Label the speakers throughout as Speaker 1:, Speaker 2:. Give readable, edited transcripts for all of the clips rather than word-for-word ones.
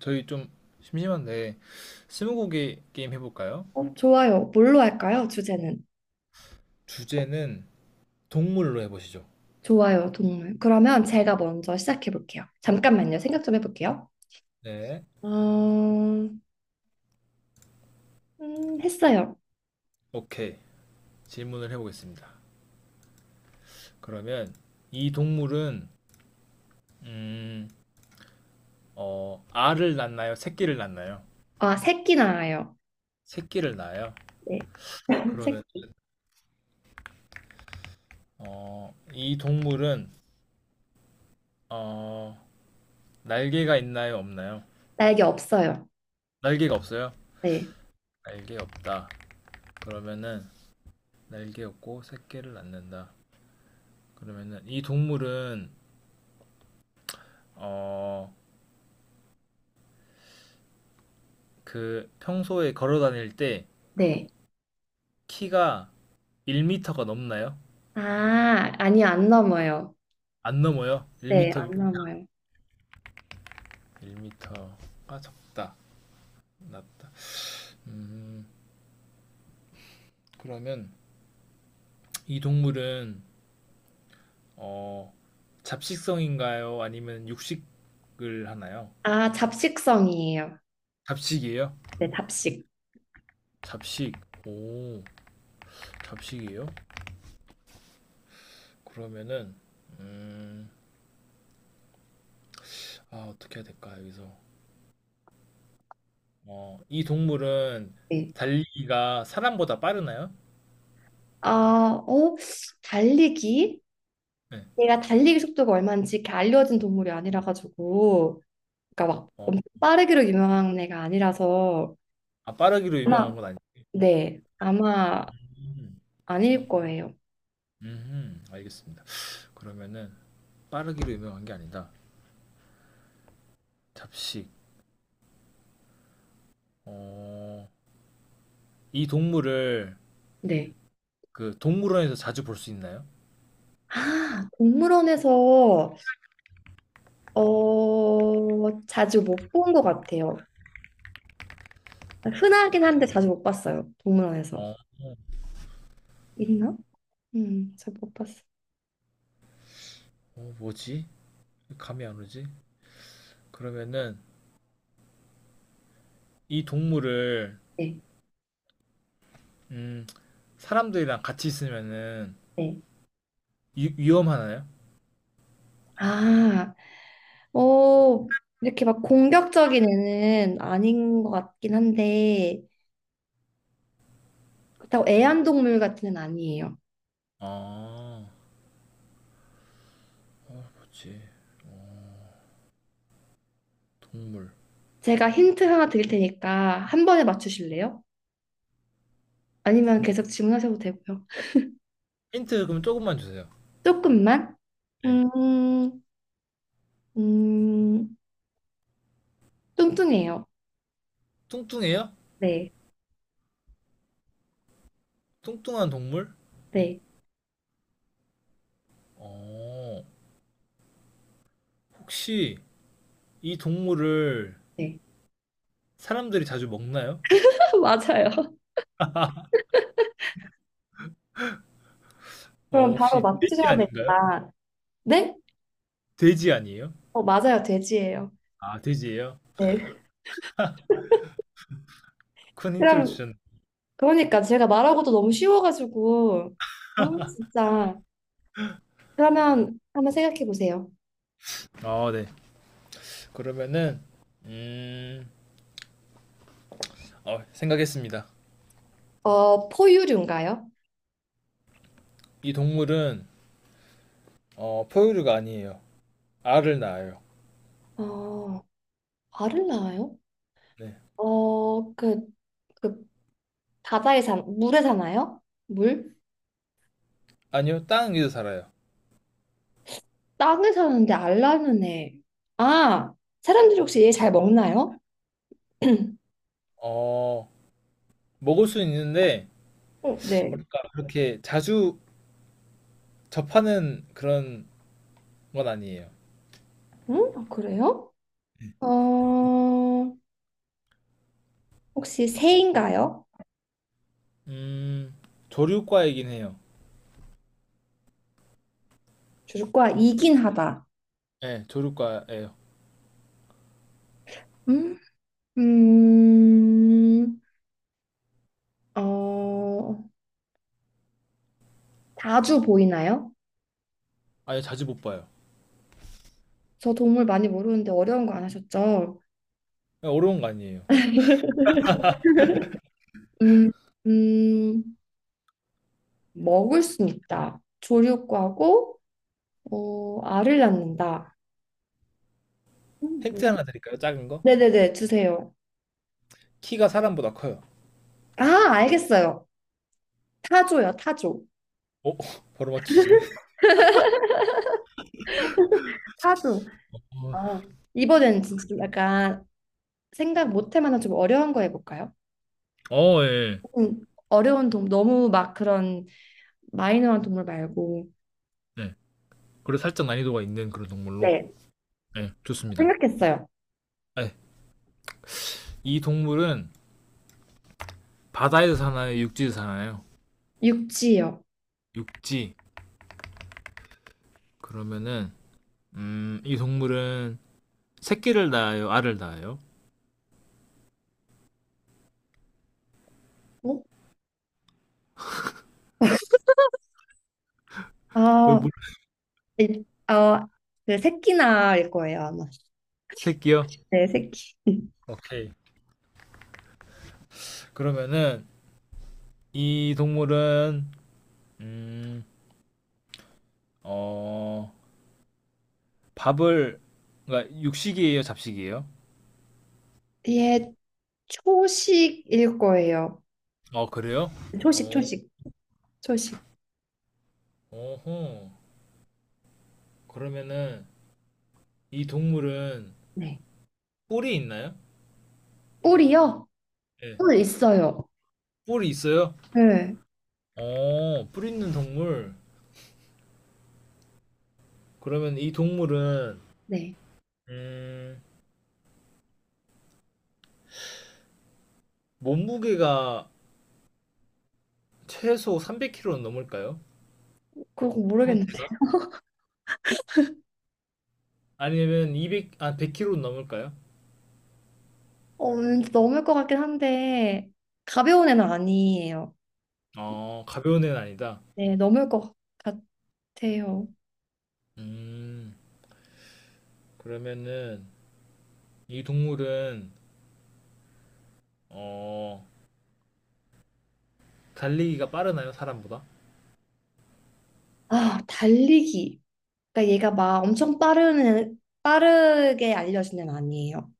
Speaker 1: 저희 좀 심심한데 스무고개 게임 해볼까요?
Speaker 2: 좋아요. 뭘로 할까요? 주제는.
Speaker 1: 주제는 동물로 해보시죠.
Speaker 2: 좋아요, 동물. 그러면 제가 먼저 시작해 볼게요. 잠깐만요. 생각 좀 해볼게요.
Speaker 1: 네,
Speaker 2: 어, 음, 했어요.
Speaker 1: 오케이, 질문을 해보겠습니다. 그러면 이 동물은 음, 알을 낳나요? 새끼를 낳나요?
Speaker 2: 새끼 나와요.
Speaker 1: 새끼를 낳아요.
Speaker 2: 네.
Speaker 1: 그러면
Speaker 2: 새끼.
Speaker 1: 이 동물은 어, 날개가 있나요? 없나요?
Speaker 2: 날개 없어요.
Speaker 1: 날개가 없어요?
Speaker 2: 네.
Speaker 1: 날개 없다. 그러면은 날개 없고 새끼를 낳는다. 그러면은 이 동물은 어, 그 평소에 걸어 다닐 때
Speaker 2: 네.
Speaker 1: 키가 1터가 넘나요?
Speaker 2: 아, 아니요, 안 넘어요.
Speaker 1: 안 넘어요. 1
Speaker 2: 네,
Speaker 1: 일
Speaker 2: 안 넘어요.
Speaker 1: 1터가 적다. 낮다. 음, 그러면 이 동물은 어, 잡식성인가요? 아니면 육식을 하나요?
Speaker 2: 잡식성이에요.
Speaker 1: 잡식이에요?
Speaker 2: 네, 잡식.
Speaker 1: 잡식. 오, 잡식이에요? 그러면은 음, 아, 어떻게 해야 될까? 여기서. 이 동물은
Speaker 2: 네.
Speaker 1: 달리기가 사람보다 빠르나요?
Speaker 2: 아, 어, 달리기?
Speaker 1: 네.
Speaker 2: 얘가 달리기 속도가 얼마인지 이렇게 알려진 동물이 아니라 가지고. 그러니까 막
Speaker 1: 어,
Speaker 2: 엄청 빠르기로 유명한 애가 아니라서
Speaker 1: 아, 빠르기로 유명한
Speaker 2: 아마
Speaker 1: 건.
Speaker 2: 네 아마
Speaker 1: 음.
Speaker 2: 아닐 거예요.
Speaker 1: 음, 알겠습니다. 그러면은 빠르기로 유명한 게 아니다. 잡식. 어, 이 동물을
Speaker 2: 네.
Speaker 1: 그 동물원에서 자주 볼 수 있나요?
Speaker 2: 아 동물원에서 자주 못 본 것 같아요. 흔하긴 한데 자주 못 봤어요. 동물원에서
Speaker 1: 어,
Speaker 2: 있나? 잘 못 봤어요.
Speaker 1: 뭐지? 감이 안 오지? 그러면은 이 동물을
Speaker 2: 네.
Speaker 1: 음, 사람들이랑 같이 있으면은
Speaker 2: 네.
Speaker 1: 위험하나요?
Speaker 2: 아, 어 이렇게 막 공격적인 애는 아닌 것 같긴 한데 그렇다고 애완동물 같은 애는 아니에요.
Speaker 1: 아, 뭐지? 동물.
Speaker 2: 제가 힌트 하나 드릴 테니까 한 번에 맞추실래요? 아니면 계속 질문하셔도 되고요.
Speaker 1: 힌트 그럼 조금만 주세요.
Speaker 2: 조금만?
Speaker 1: 네.
Speaker 2: 음, 음, 뚱뚱해요.
Speaker 1: 뚱뚱해요?
Speaker 2: 네,
Speaker 1: 뚱뚱한 동물?
Speaker 2: 네,
Speaker 1: 어, 혹시 이 동물을
Speaker 2: 네.
Speaker 1: 사람들이 자주 먹나요?
Speaker 2: 맞아요. 그럼 바로
Speaker 1: 혹시 돼지
Speaker 2: 맞추셔야
Speaker 1: 아닌가요?
Speaker 2: 됩니다. 네?
Speaker 1: 돼지 아니에요?
Speaker 2: 어, 맞아요. 돼지예요.
Speaker 1: 아, 돼지예요?
Speaker 2: 네.
Speaker 1: 큰 힌트를
Speaker 2: 그럼,
Speaker 1: 주셨네요.
Speaker 2: 그러니까 제가 말하고도 너무 쉬워가지고, 어, 진짜. 그러면 한번 생각해 보세요.
Speaker 1: 아, 네. 그러면은 음, 생각했습니다.
Speaker 2: 어, 포유류인가요?
Speaker 1: 이 동물은 포유류가 아니에요. 알을 낳아요.
Speaker 2: 어, 알을 낳아요?
Speaker 1: 네.
Speaker 2: 어, 그, 그 바다에 사, 물에 사나요? 물?
Speaker 1: 아니요, 땅 위에서 살아요.
Speaker 2: 땅에 사는데 알라는 애. 아, 사람들이 혹시 얘 잘 먹나요?
Speaker 1: 어, 먹을 수 있는데
Speaker 2: 어, 네.
Speaker 1: 뭐랄까 그렇게 자주 접하는 그런 건 아니에요.
Speaker 2: 응? 아, 그래요? 어, 혹시 새인가요?
Speaker 1: 음, 조류과이긴 해요.
Speaker 2: 줄과 이긴 하다.
Speaker 1: 네, 조류과예요.
Speaker 2: 음, 음, 어, 자주 보이나요?
Speaker 1: 아니, 자주 못 봐요.
Speaker 2: 저 동물 많이 모르는데 어려운 거 안 하셨죠?
Speaker 1: 네, 어려운 거 아니에요.
Speaker 2: 음, 음, 먹을 수 있다. 조류과고, 어, 알을 낳는다. 음.
Speaker 1: 힌트 하나 드릴까요? 작은 거?
Speaker 2: 네네네, 주세요.
Speaker 1: 키가 사람보다 커요.
Speaker 2: 아, 알겠어요. 타조요, 타조.
Speaker 1: 어? 바로 맞추시네.
Speaker 2: 타조.
Speaker 1: 어,
Speaker 2: 아, 이번엔 진짜 좀 약간 생각 못할 만한 좀 어려운 거 해볼까요?
Speaker 1: 예,
Speaker 2: 어려운 동물, 너무 막 그런 마이너한 동물 말고.
Speaker 1: 예. 네. 그래서 살짝 난이도가 있는 그런 동물로.
Speaker 2: 네,
Speaker 1: 예, 좋습니다.
Speaker 2: 생각했어요.
Speaker 1: 아, 예. 이 동물은 바다에서 사나요? 육지에서 사나요?
Speaker 2: 육지요.
Speaker 1: 육지. 그러면은 이 동물은 새끼를 낳아요? 알을 낳아요?
Speaker 2: 어?
Speaker 1: 왜,
Speaker 2: 아,
Speaker 1: 물,
Speaker 2: 네. 어, 네, 새끼나일 거예요, 아마.
Speaker 1: 새끼요?
Speaker 2: 네, 새끼.
Speaker 1: 오케이. 그러면은 이 동물은 음, 어, 밥을, 그러니까 육식이에요? 잡식이에요?
Speaker 2: 얘 초식일 거예요.
Speaker 1: 어, 그래요?
Speaker 2: 초식,
Speaker 1: 어,
Speaker 2: 초식, 초식.
Speaker 1: 어허. 그러면은 이 동물은
Speaker 2: 네.
Speaker 1: 뿔이 있나요?
Speaker 2: 뿔이요?
Speaker 1: 예.
Speaker 2: 뿔 있어요.
Speaker 1: 뿔이 있어요?
Speaker 2: 네.
Speaker 1: 뿔 있는 동물. 그러면 이 동물은
Speaker 2: 네.
Speaker 1: 음, 몸무게가 최소 300kg 넘을까요?
Speaker 2: 그거 모르겠는데.
Speaker 1: 성체가? 아니면 200, 아, 100kg 넘을까요?
Speaker 2: 어, 왠지 넘을 것 같긴 한데, 가벼운 애는 아니에요.
Speaker 1: 어, 가벼운 애는 아니다.
Speaker 2: 네, 넘을 것 같아요.
Speaker 1: 음, 그러면은 이 동물은 어, 달리기가 빠르나요? 사람보다?
Speaker 2: 아, 달리기. 그러니까 얘가 막 엄청 빠른, 애- 빠르게 알려진 애는 아니에요.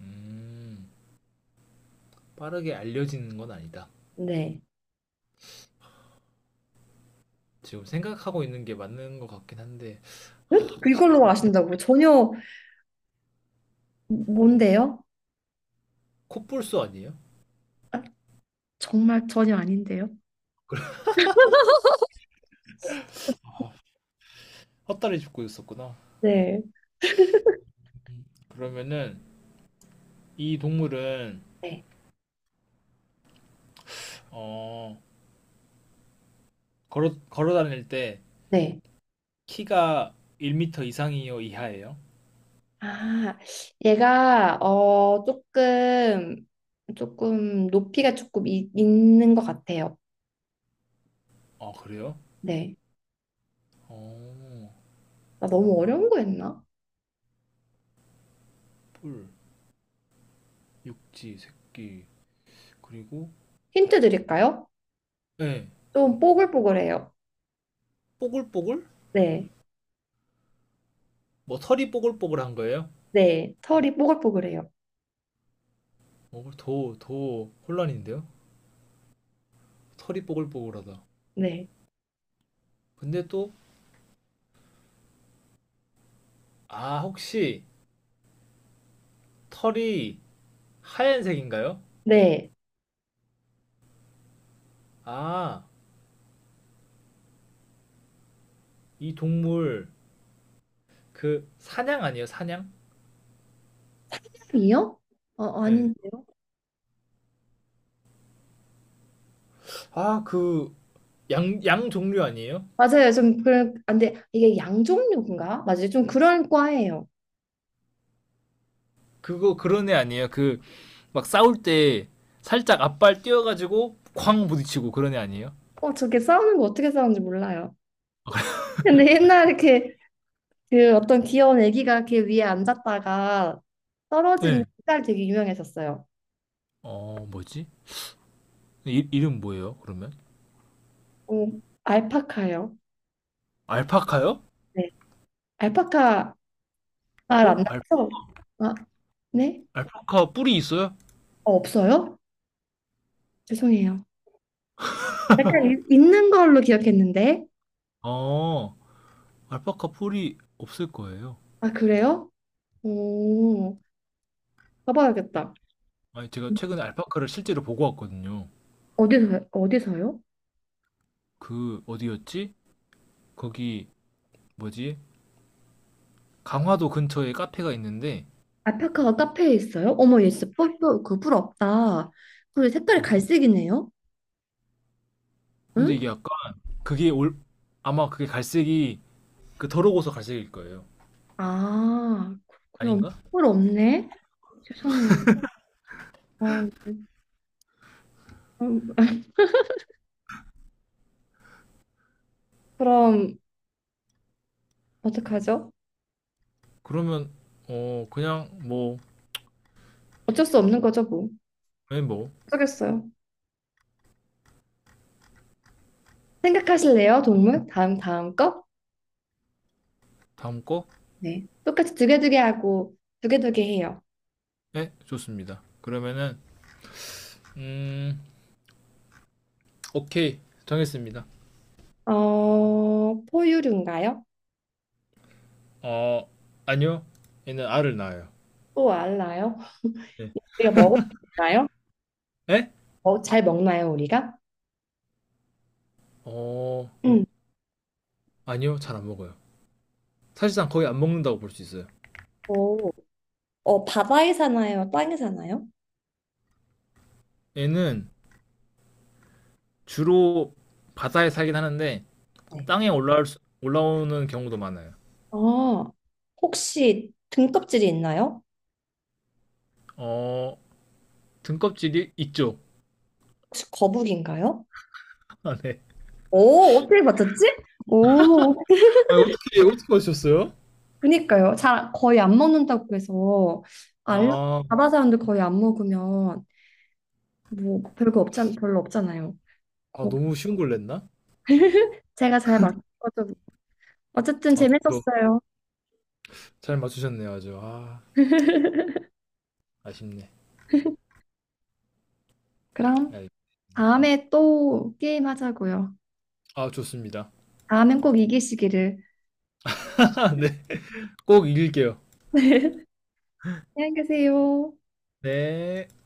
Speaker 1: 음, 빠르게 알려지는 건 아니다.
Speaker 2: 네.
Speaker 1: 지금 생각하고 있는 게 맞는 것 같긴 한데,
Speaker 2: 왜 이걸로 아신다고? 전혀, 뭔데요?
Speaker 1: 코뿔소 아니에요?
Speaker 2: 아, 정말 전혀 아닌데요?
Speaker 1: 헛다리 짚고 있었구나.
Speaker 2: 네.
Speaker 1: 그러면은 이 동물은
Speaker 2: 네.
Speaker 1: 어 걸어 다닐 때
Speaker 2: 네.
Speaker 1: 키가 1m 이상이요, 이하예요?
Speaker 2: 아, 얘가, 조금, 높이가 조금 있는 것 같아요.
Speaker 1: 아, 그래요?
Speaker 2: 네.
Speaker 1: 어,
Speaker 2: 나 너무 어려운 거 했나?
Speaker 1: 뿔, 육지, 새끼 그리고
Speaker 2: 힌트 드릴까요?
Speaker 1: 예.
Speaker 2: 좀 뽀글뽀글해요.
Speaker 1: 뽀글뽀글?
Speaker 2: 네.
Speaker 1: 뭐 털이 뽀글뽀글한 거예요?
Speaker 2: 네. 털이 뽀글뽀글해요.
Speaker 1: 어더더 혼란인데요? 털이 뽀글뽀글하다.
Speaker 2: 네.
Speaker 1: 근데 또 아, 혹시 털이 하얀색인가요?
Speaker 2: 네.
Speaker 1: 아, 이 동물 그 사냥 아니에요, 사냥?
Speaker 2: 탑이요? 어,
Speaker 1: 네.
Speaker 2: 아닌데요?
Speaker 1: 아, 그 양, 양 종류 아니에요?
Speaker 2: 맞아요. 좀 그런 안 돼. 이게 양종류인가? 맞아요. 좀 그런 과예요.
Speaker 1: 그거 그런 애 아니에요? 그 막 싸울 때 살짝 앞발 뛰어가지고 쾅 부딪히고 그런 애 아니에요?
Speaker 2: 어, 저게 싸우는 거 어떻게 싸우는지 몰라요. 근데 옛날에 이렇게 그 어떤 귀여운 애기가 이렇게 위에 앉았다가 떨어지는
Speaker 1: 네.
Speaker 2: 딸 되게 유명했었어요.
Speaker 1: 어, 뭐지? 이름 뭐예요? 그러면
Speaker 2: 오, 알파카요.
Speaker 1: 알파카요?
Speaker 2: 네. 알파카 알
Speaker 1: 어
Speaker 2: 안
Speaker 1: 알,
Speaker 2: 낳죠? 아, 네?
Speaker 1: 알파카 뿔이 있어요?
Speaker 2: 어, 없어요? 죄송해요. 약간 있는 걸로 기억했는데.
Speaker 1: 어 알파카 뿔이 없을 거예요.
Speaker 2: 아, 그래요? 오, 가봐야겠다.
Speaker 1: 아니 제가 최근에 알파카를 실제로 보고 왔거든요.
Speaker 2: 어디서, 어디서요?
Speaker 1: 그 어디였지? 거기 뭐지? 강화도 근처에 카페가 있는데
Speaker 2: 알파카가 카페에 있어요? 어머, 얘 진짜 뿔, 그 부럽다. 그리고 색깔이 갈색이네요?
Speaker 1: 근데
Speaker 2: 응?
Speaker 1: 이게 약간 그게 올 아마 그게 갈색이 그 더러고서 갈색일 거예요.
Speaker 2: 아, 그렇구나. 어머,
Speaker 1: 아닌가?
Speaker 2: 뿔 없네? 죄송해요. 어, 네. 그럼, 그럼 어떡하죠?
Speaker 1: 그러면 그냥 뭐.
Speaker 2: 어쩔 수 없는 거죠, 뭐.
Speaker 1: 네, 뭐
Speaker 2: 어쩌겠어요. 생각하실래요, 동물? 다음, 다음 거?
Speaker 1: 다음 거?
Speaker 2: 네. 똑같이 두개 하고, 두개 해요.
Speaker 1: 네, 좋습니다. 그러면은 음 오케이, 정했습니다.
Speaker 2: 어, 포유류인가요?
Speaker 1: 어 아니요, 얘는 알을 낳아요.
Speaker 2: 또 알나요?
Speaker 1: 네.
Speaker 2: 우리가 먹을까요?
Speaker 1: 에?
Speaker 2: 어, 잘 먹나요, 우리가?
Speaker 1: 어
Speaker 2: 음.
Speaker 1: 아니요, 잘 안 먹어요. 사실상 거의 안 먹는다고 볼 수 있어요.
Speaker 2: 오, 어, 바다에 사나요? 땅에 사나요?
Speaker 1: 얘는 주로 바다에 살긴 하는데
Speaker 2: 네.
Speaker 1: 땅에 올라오는 경우도 많아요.
Speaker 2: 아, 혹시 등껍질이 있나요?
Speaker 1: 어, 등껍질이 있죠.
Speaker 2: 혹시 거북인가요?
Speaker 1: 아, 네.
Speaker 2: 오, 어떻게 맞췄지? 오,
Speaker 1: 아, 어떻게 하셨어요?
Speaker 2: 그니까요. 잘 거의 안 먹는다고 해서 알라
Speaker 1: 아,
Speaker 2: 바다 사람들 거의 안 먹으면 뭐 별거 없잖 별로 없잖아요.
Speaker 1: 아,
Speaker 2: 거북.
Speaker 1: 너무 쉬운 걸 냈나?
Speaker 2: 제가 잘 맞춰서 어쨌든
Speaker 1: 아, 그렇죠.
Speaker 2: 재밌었어요.
Speaker 1: 잘 맞추셨네요, 아주. 아, 아쉽네.
Speaker 2: 그럼.
Speaker 1: 알겠습니다.
Speaker 2: 다음에 또 게임 하자고요.
Speaker 1: 아, 좋습니다.
Speaker 2: 다음엔 꼭 이기시기를.
Speaker 1: 네. 꼭 이길게요.
Speaker 2: 네. 안녕히 계세요.
Speaker 1: 네.